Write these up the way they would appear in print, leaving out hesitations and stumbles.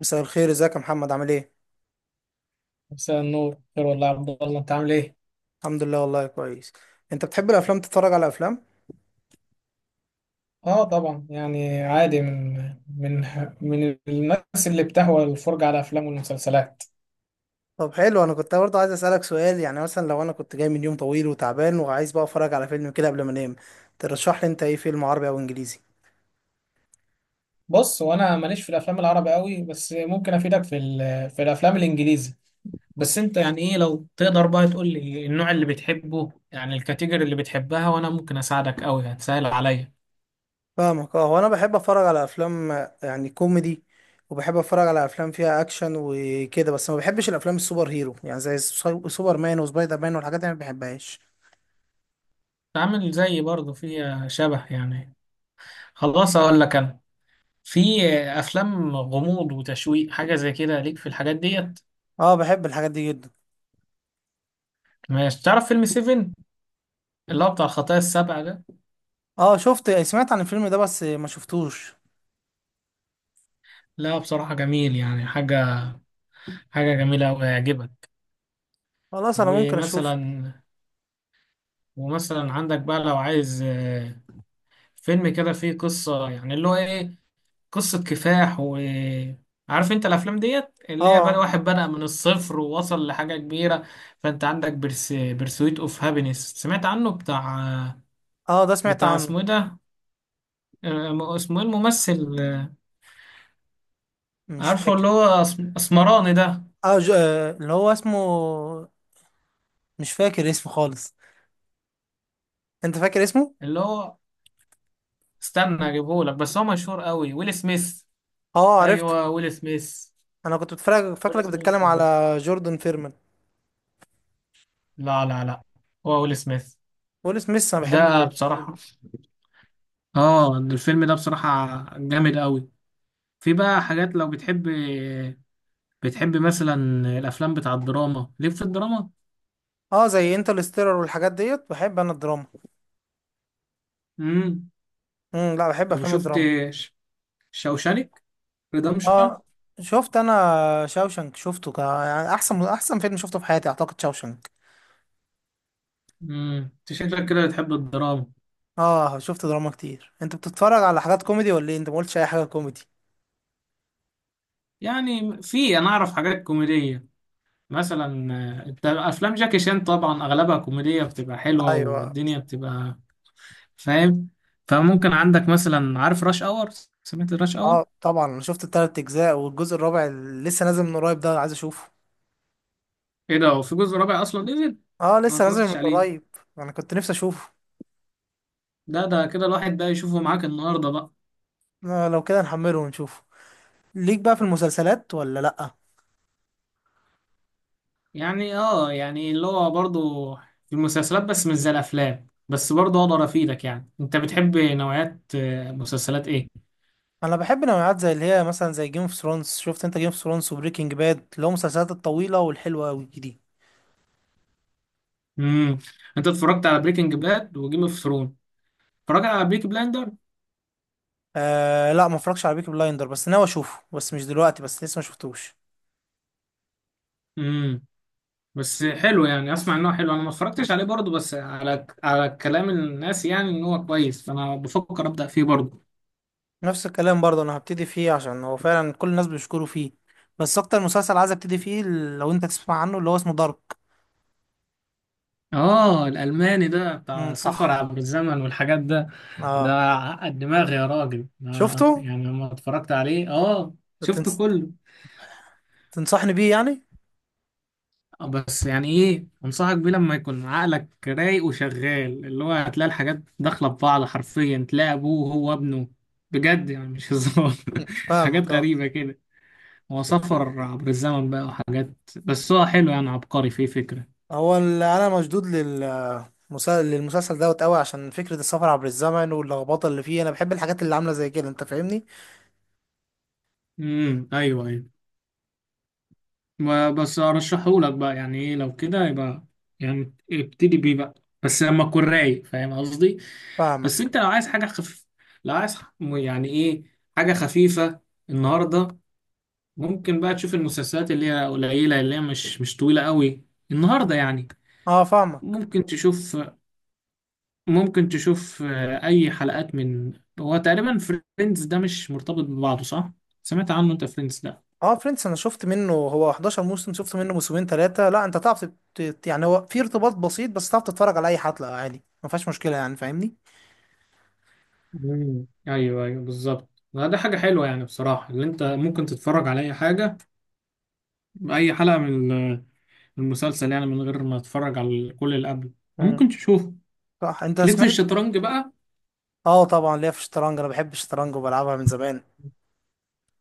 مساء الخير، ازيك يا محمد؟ عامل ايه؟ مساء النور، خير والله يا عبد الله. انت عامل ايه؟ الحمد لله، والله كويس. انت بتحب الافلام؟ تتفرج على افلام؟ اه طبعا، يعني عادي، من من الناس اللي بتهوى الفرجة على الافلام والمسلسلات. طب حلو، انا كنت برضه عايز اسالك سؤال. يعني مثلا لو انا كنت جاي من يوم طويل وتعبان وعايز بقى اتفرج على فيلم كده قبل ما انام، ترشح لي انت ايه فيلم عربي او انجليزي؟ بص، وانا ماليش في الافلام العربي قوي، بس ممكن افيدك في الافلام الانجليزي. بس انت يعني ايه، لو تقدر بقى تقول لي النوع اللي بتحبه، يعني الكاتيجوري اللي بتحبها، وانا ممكن اساعدك قوي، هتسهل عليا. فاهمك. اه، هو انا بحب اتفرج على افلام، يعني كوميدي، وبحب اتفرج على افلام فيها اكشن وكده. بس ما بحبش الافلام السوبر هيرو، يعني زي سوبر مان وسبايدر مان والحاجات دي ما بحبهاش. تعمل زيي برضه، فيها شبه يعني. خلاص اقول لك انا، في افلام غموض وتشويق، حاجة زي كده، ليك في الحاجات ديت؟ اه، بحب الحاجات دي جدا. ماشي، تعرف فيلم سيفن، اللي هو بتاع الخطايا السبع ده؟ اه شفت، سمعت عن الفيلم ده بس ما شفتوش. لا بصراحة جميل، يعني حاجة جميلة أوي، هيعجبك. خلاص، انا ممكن اشوف. ومثلا ومثلا عندك بقى، لو عايز فيلم كده فيه قصة، يعني اللي هو إيه، قصة كفاح، و عارف انت الافلام ديت اللي هي بقى اه، واحد بدأ من الصفر ووصل لحاجة كبيرة. فانت عندك برسويت اوف هابينس، سمعت عنه؟ بتاع اه، ده سمعت بتاع عنه. اسمه ايه ده، اسمه ايه الممثل؟ مش عارفه اللي فاكر. هو اسمراني ده، اه، ج... آه، اللي هو اسمه، مش فاكر اسمه خالص. انت فاكر اسمه؟ اللي هو، استنى اجيبهولك. بس هو مشهور قوي، ويل سميث. اه، عرفته. ايوه ويل سميث. انا كنت بتفرج، ويل فاكرك بتتكلم سميث ده، على جوردن فيرمان. لا لا لا، هو ويل سميث. ويل سميث، انا بحبه ده جدا. بصراحة، اه الفيلم ده بصراحة جامد قوي. في بقى حاجات، لو بتحب مثلا الافلام بتاع الدراما، ليك في الدراما؟ اه، زي انترستيلر والحاجات ديت، بحب انا الدراما. امم لا، بحب طب افلام شفت الدراما. شوشانك ريدمشن؟ اه شفت. انا شاوشنك شفته، يعني احسن فيلم شفته في حياتي، اعتقد شاوشنك. انت شكلك كده بتحب الدراما. اه شفت دراما كتير. انت بتتفرج على حاجات كوميدي ولا ايه؟ انت ما قلتش اي حاجه كوميدي. يعني في، انا اعرف حاجات كوميدية، مثلا انت افلام جاكي شان طبعا اغلبها كوميديه، بتبقى حلوه ايوه. والدنيا بتبقى فاهم. فممكن عندك مثلا، عارف راش اور؟ سمعت راش اور؟ اه طبعا، انا شفت التلات اجزاء والجزء الرابع اللي لسه نازل من قريب ده عايز اشوفه. ايه ده، هو في جزء رابع اصلا نزل؟ انا اه، ما لسه نازل من اتفرجتش قريب. عليه. انا كنت نفسي اشوفه. ده كده الواحد بقى يشوفه معاك النهارده بقى. آه، لو كده نحمله ونشوفه. ليك بقى في المسلسلات ولا لأ؟ يعني يعني اللي هو برضه، في المسلسلات، بس مش زي الافلام، بس برضه اقدر افيدك. يعني انت بتحب نوعيات مسلسلات ايه؟ انا بحب نوعات زي اللي هي، مثلا زي جيم اوف ثرونز. شفت انت جيم اوف ثرونز وبريكنج باد؟ اللي هو المسلسلات الطويلة والحلوة قوي دي. امم انت اتفرجت على بريكنج باد وجيم اوف ثرون؟ اتفرجت على بيكي بلاندر؟ آه لا، ما اتفرجش على بيكي بلايندر، بس ناوي اشوفه، بس مش دلوقتي، بس لسه ما شفتوش. بس حلو يعني، اسمع ان هو حلو، انا ما اتفرجتش عليه برضه، بس على كلام الناس يعني ان هو كويس، فانا بفكر ابدا فيه برضه. نفس الكلام برضه، انا هبتدي فيه عشان هو فعلا كل الناس بيشكروا فيه. بس اكتر مسلسل عايز ابتدي فيه، لو انت تسمع عنه، اللي هو اسمه دارك. اه الالماني ده امم، بتاع سفر صح. عبر الزمن والحاجات ده؟ ده اه، عقد دماغي يا راجل، شفته. أنا يعني لما اتفرجت عليه شفته تنس... كله. تنصحني بيه يعني؟ بس يعني ايه، انصحك بيه لما يكون عقلك رايق وشغال، اللي هو هتلاقي الحاجات داخله في بعض، حرفيا تلاقي ابوه وهو ابنه. بجد يعني، مش هزار. فاهمك. حاجات اه. غريبه كده. هو سفر عبر الزمن بقى وحاجات، بس هو حلو يعني، عبقري، فيه فكرة. انا مشدود للمسلسل دوت قوي عشان فكرة السفر عبر الزمن واللخبطة اللي فيه، انا بحب الحاجات اللي عاملة زي كده. انت فاهمني؟ امم، ايوه ايوه. بس ارشحهولك بقى، يعني ايه، لو كده يبقى يعني ابتدي بيه بقى، بس لما تكون رايق، فاهم قصدي؟ بس فاهمك. انت لو عايز حاجة خفيفة، لو عايز يعني ايه، حاجة خفيفة النهاردة، ممكن بقى تشوف المسلسلات اللي هي قليلة، اللي هي مش طويلة قوي، النهاردة يعني. اه. فاهمك. ممكن تشوف ممكن تشوف اي حلقات من، هو تقريبا فريندز ده مش مرتبط ببعضه صح؟ سمعت عنه انت فريندز ده؟ اه، فريندز انا شفت منه، هو 11 موسم، شفت منه موسمين ثلاثة. لا، انت تعرف، يعني هو في ارتباط بسيط بس تعرف تتفرج على اي حلقة عادي، ما فيهاش مشكلة يعني. فاهمني؟ مم. ايوه ايوه بالظبط. لا، ده حاجه حلوه يعني بصراحه، اللي انت ممكن تتفرج على اي حاجه، اي حلقه من المسلسل يعني، من غير ما تتفرج على كل اللي قبله. امم، ممكن تشوفه. صح. انت ليك في سمعت؟ الشطرنج بقى؟ اه طبعا، ليا في الشطرنج. انا بحب الشطرنج وبلعبها من زمان.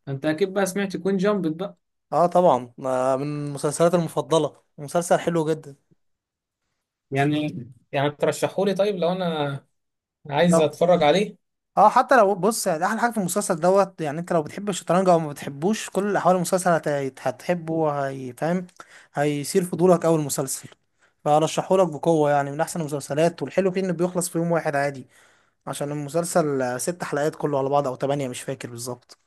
انت اكيد بقى سمعت كوين جامبت بقى. اه طبعا، من مسلسلاتي المفضله، مسلسل حلو جدا. يعني يعني ترشحولي طيب لو انا عايز لو، اتفرج عليه؟ اه، حتى لو، بص يعني احلى حاجه في المسلسل دوت، يعني انت لو بتحب الشطرنج او ما بتحبوش، كل الاحوال المسلسل هتحبه وهيفهم. هيثير فضولك اول المسلسل. فارشحهولك بقوه، يعني من احسن المسلسلات. والحلو فيه انه بيخلص في يوم واحد عادي، عشان المسلسل ست حلقات كله على بعض او تمانية، مش فاكر بالظبط.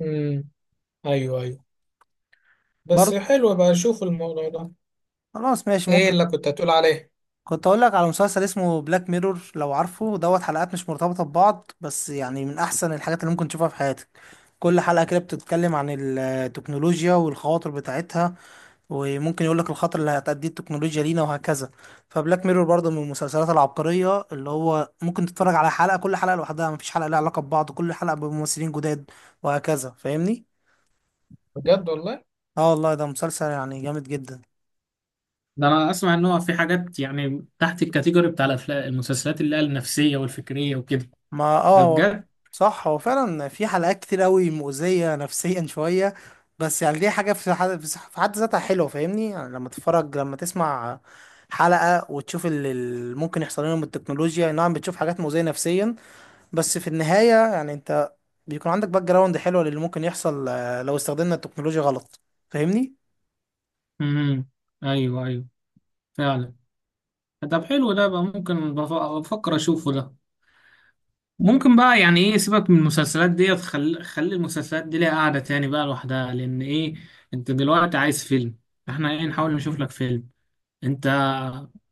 امم، ايوه ايوه. بس برضه. حلو بقى، اشوف الموضوع ده. خلاص، ماشي، ايه ممكن. اللي كنت هتقول عليه؟ كنت اقول لك على مسلسل اسمه بلاك ميرور، لو عارفه. دوت حلقات مش مرتبطة ببعض، بس يعني من احسن الحاجات اللي ممكن تشوفها في حياتك. كل حلقة كده بتتكلم عن التكنولوجيا والخواطر بتاعتها. وممكن يقول لك الخطر اللي هتأديه التكنولوجيا لينا، وهكذا. فبلاك ميرور برضه من المسلسلات العبقرية، اللي هو ممكن تتفرج على حلقة، كل حلقة لوحدها، مفيش حلقة لها علاقة ببعض، كل حلقة بممثلين جداد، وهكذا. فاهمني؟ بجد والله؟ اه والله، ده مسلسل يعني جامد جدا. ده انا اسمع ان هو في حاجات يعني تحت الكاتيجوري بتاع الافلام المسلسلات اللي هي النفسيه والفكريه وكده. ما، ده اه، هو، بجد. صح. هو فعلا في حلقات كتير قوي مؤذية نفسيا شوية. بس يعني دي حاجة في حد ذاتها حلوة، فاهمني؟ يعني لما تسمع حلقة، وتشوف اللي ممكن يحصل لنا من التكنولوجيا، نعم، بتشوف حاجات مؤذية نفسيا. بس في النهاية يعني، انت بيكون عندك باك جراوند حلوة للي ممكن يحصل، لو استخدمنا التكنولوجيا غلط. فاهمني؟ امم، ايوه ايوه، فعلا. طب حلو، ده بقى ممكن، بفكر اشوفه ده. ممكن بقى يعني ايه، سيبك من المسلسلات ديت، خلي خلي المسلسلات دي ليها قاعده تاني بقى لوحدها، لان ايه، انت دلوقتي عايز فيلم. احنا ايه، نحاول نشوف لك فيلم. انت،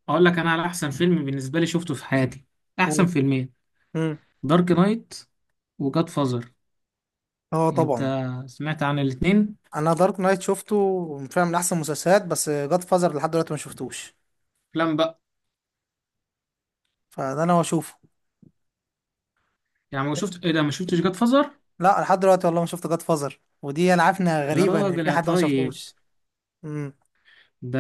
اقول لك انا على احسن فيلم بالنسبه لي شفته في حياتي، احسن مم. فيلمين: امم. دارك نايت وجاد فازر. اه انت طبعا. سمعت عن الاتنين؟ انا دارك نايت شفته فعلا من احسن المسلسلات، بس جاد فازر لحد دلوقتي ما شفتوش. افلام بقى. فده انا هشوفه. يعني ما شفت ايه ده، ما شفتش جاد فازر؟ لا، أنا لحد دلوقتي والله ما شفت جاد فازر، ودي انا عارف انها يا غريبه ان راجل في يا حد ما طيب. شافوش. امم. ده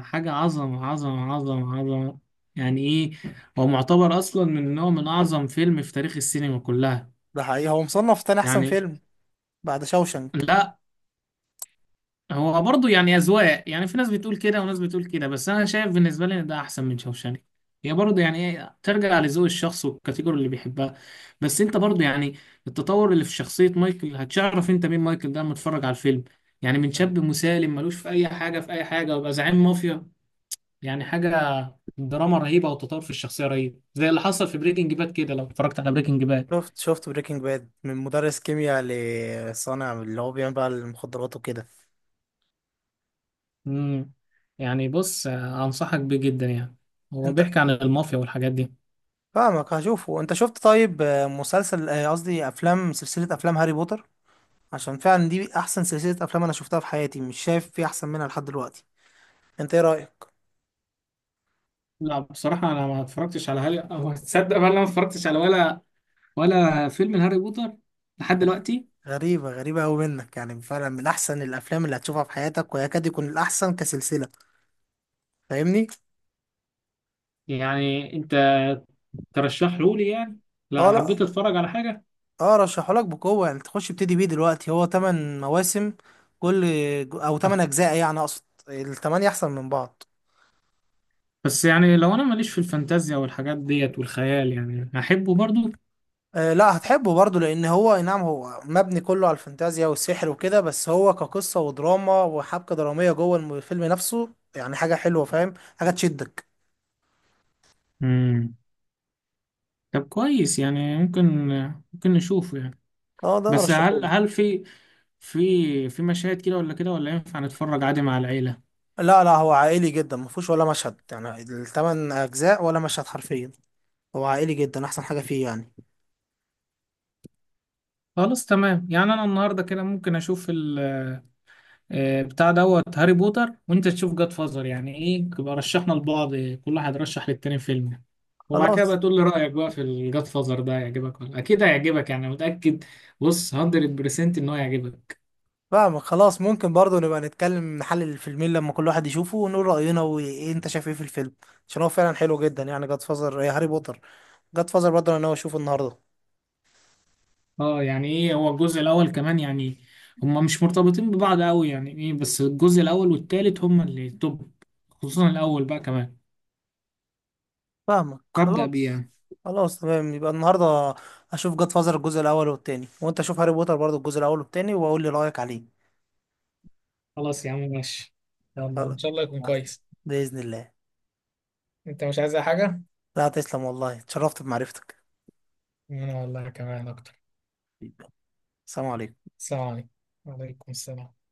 حاجة، عظمة عظمة عظمة عظمة. يعني ايه، هو معتبر اصلا من نوع، من اعظم فيلم في تاريخ السينما كلها. ده حقيقي، هو مصنف تاني احسن يعني فيلم بعد شوشنك. لا، هو برضه يعني أذواق، يعني في ناس بتقول كده وناس بتقول كده، بس أنا شايف بالنسبة لي إن ده أحسن من شوشانك. هي برضه يعني إيه، ترجع لذوق الشخص والكاتيجوري اللي بيحبها. بس أنت برضه، يعني التطور اللي في شخصية مايكل، هتعرف أنت مين مايكل ده لما تتفرج على الفيلم. يعني من تمام. شاب مسالم ملوش في أي حاجة، ويبقى زعيم مافيا. يعني حاجة، دراما رهيبة، وتطور في الشخصية رهيب، زي اللي حصل في بريكنج باد كده، لو اتفرجت على بريكنج باد. شفت بريكنج باد، من مدرس كيمياء لصانع اللي هو بيعمل بقى المخدرات وكده. امم يعني بص، أنصحك بيه جدا يعني، هو انت، بيحكي عن المافيا والحاجات دي. فاهمك، هشوفه. انت شفت طيب، مسلسل، قصدي، افلام، سلسله افلام هاري بوتر؟ عشان فعلا دي احسن سلسله افلام انا شفتها في حياتي، مش شايف في احسن منها لحد دلوقتي. انت ايه رايك؟ لا بصراحة، أنا ما اتفرجتش على هاري، أو تصدق بقى، أنا ما اتفرجتش على ولا فيلم هاري بوتر لحد دلوقتي. غريبة غريبة أوي منك، يعني فعلا من أحسن الأفلام اللي هتشوفها في حياتك ويكاد يكون الأحسن كسلسلة. فاهمني؟ يعني أنت ترشحه لي يعني؟ أه، لا، لأ. حبيت أتفرج على حاجة. أه، رشحهولك بقوة يعني، تخش ابتدي بيه دلوقتي. هو تمن مواسم، كل، أو أه، تمن أجزاء، يعني أقصد، التمانية أحسن من بعض. بس يعني لو أنا ماليش في الفانتازيا والحاجات ديت والخيال، يعني هحبه برضو؟ أه لأ، هتحبه برضه، لأن هو، أي نعم، هو مبني كله على الفانتازيا والسحر وكده. بس هو كقصة ودراما وحبكة درامية جوه الفيلم نفسه، يعني حاجة حلوة. فاهم؟ حاجة تشدك. امم طب كويس يعني، ممكن نشوفه يعني. أه ده بس هل أرشحهولك. هل في مشاهد كده ولا كده، ولا ينفع نتفرج عادي مع العيلة؟ لا، لا، هو عائلي جدا، ما فيهوش ولا مشهد يعني الثمان اجزاء، ولا مشهد حرفيا. هو عائلي جدا، احسن حاجه فيه يعني. خلاص تمام، يعني أنا النهاردة كده ممكن أشوف ال آه، بتاع دوت هاري بوتر، وانت تشوف جاد فازر، يعني ايه يبقى رشحنا لبعض، كل واحد رشح للتاني فيلم يعني. وبعد كده بقى خلاص. تقول لي رأيك بقى في الجاد فازر ده، هيعجبك، ولا اكيد هيعجبك يعني، متأكد. بص 100% ان هو هيعجبك. فاهمك، خلاص. ممكن برضو نبقى نتكلم نحلل الفيلمين لما كل واحد يشوفه ونقول راينا، وايه انت شايف ايه في الفيلم، عشان هو فعلا حلو جدا يعني. جاد فازر يا هاري بوتر، جاد فازر برضو انا ناوي اشوفه النهارده. اه يعني ايه، هو الجزء الاول كمان يعني، هما مش مرتبطين ببعض قوي، يعني ايه، بس الجزء الاول والتالت هما اللي توب، خصوصا الاول بقى كمان، فاهمك، فابدأ بيه خلاص. يعني. خلاص، تمام، يبقى النهارده اشوف جاد فازر الجزء الاول والتاني، وانت شوف هاري بوتر برضو الجزء الاول والتاني، واقول لي رايك عليه. خلاص يا عم، ماشي. يلا خلاص، ان شاء الله يكون كويس. باذن الله. انت مش عايز أي حاجه؟ لا، تسلم والله، اتشرفت بمعرفتك. انا والله كمان اكتر. السلام عليكم. السلام عليكم. وعليكم السلام.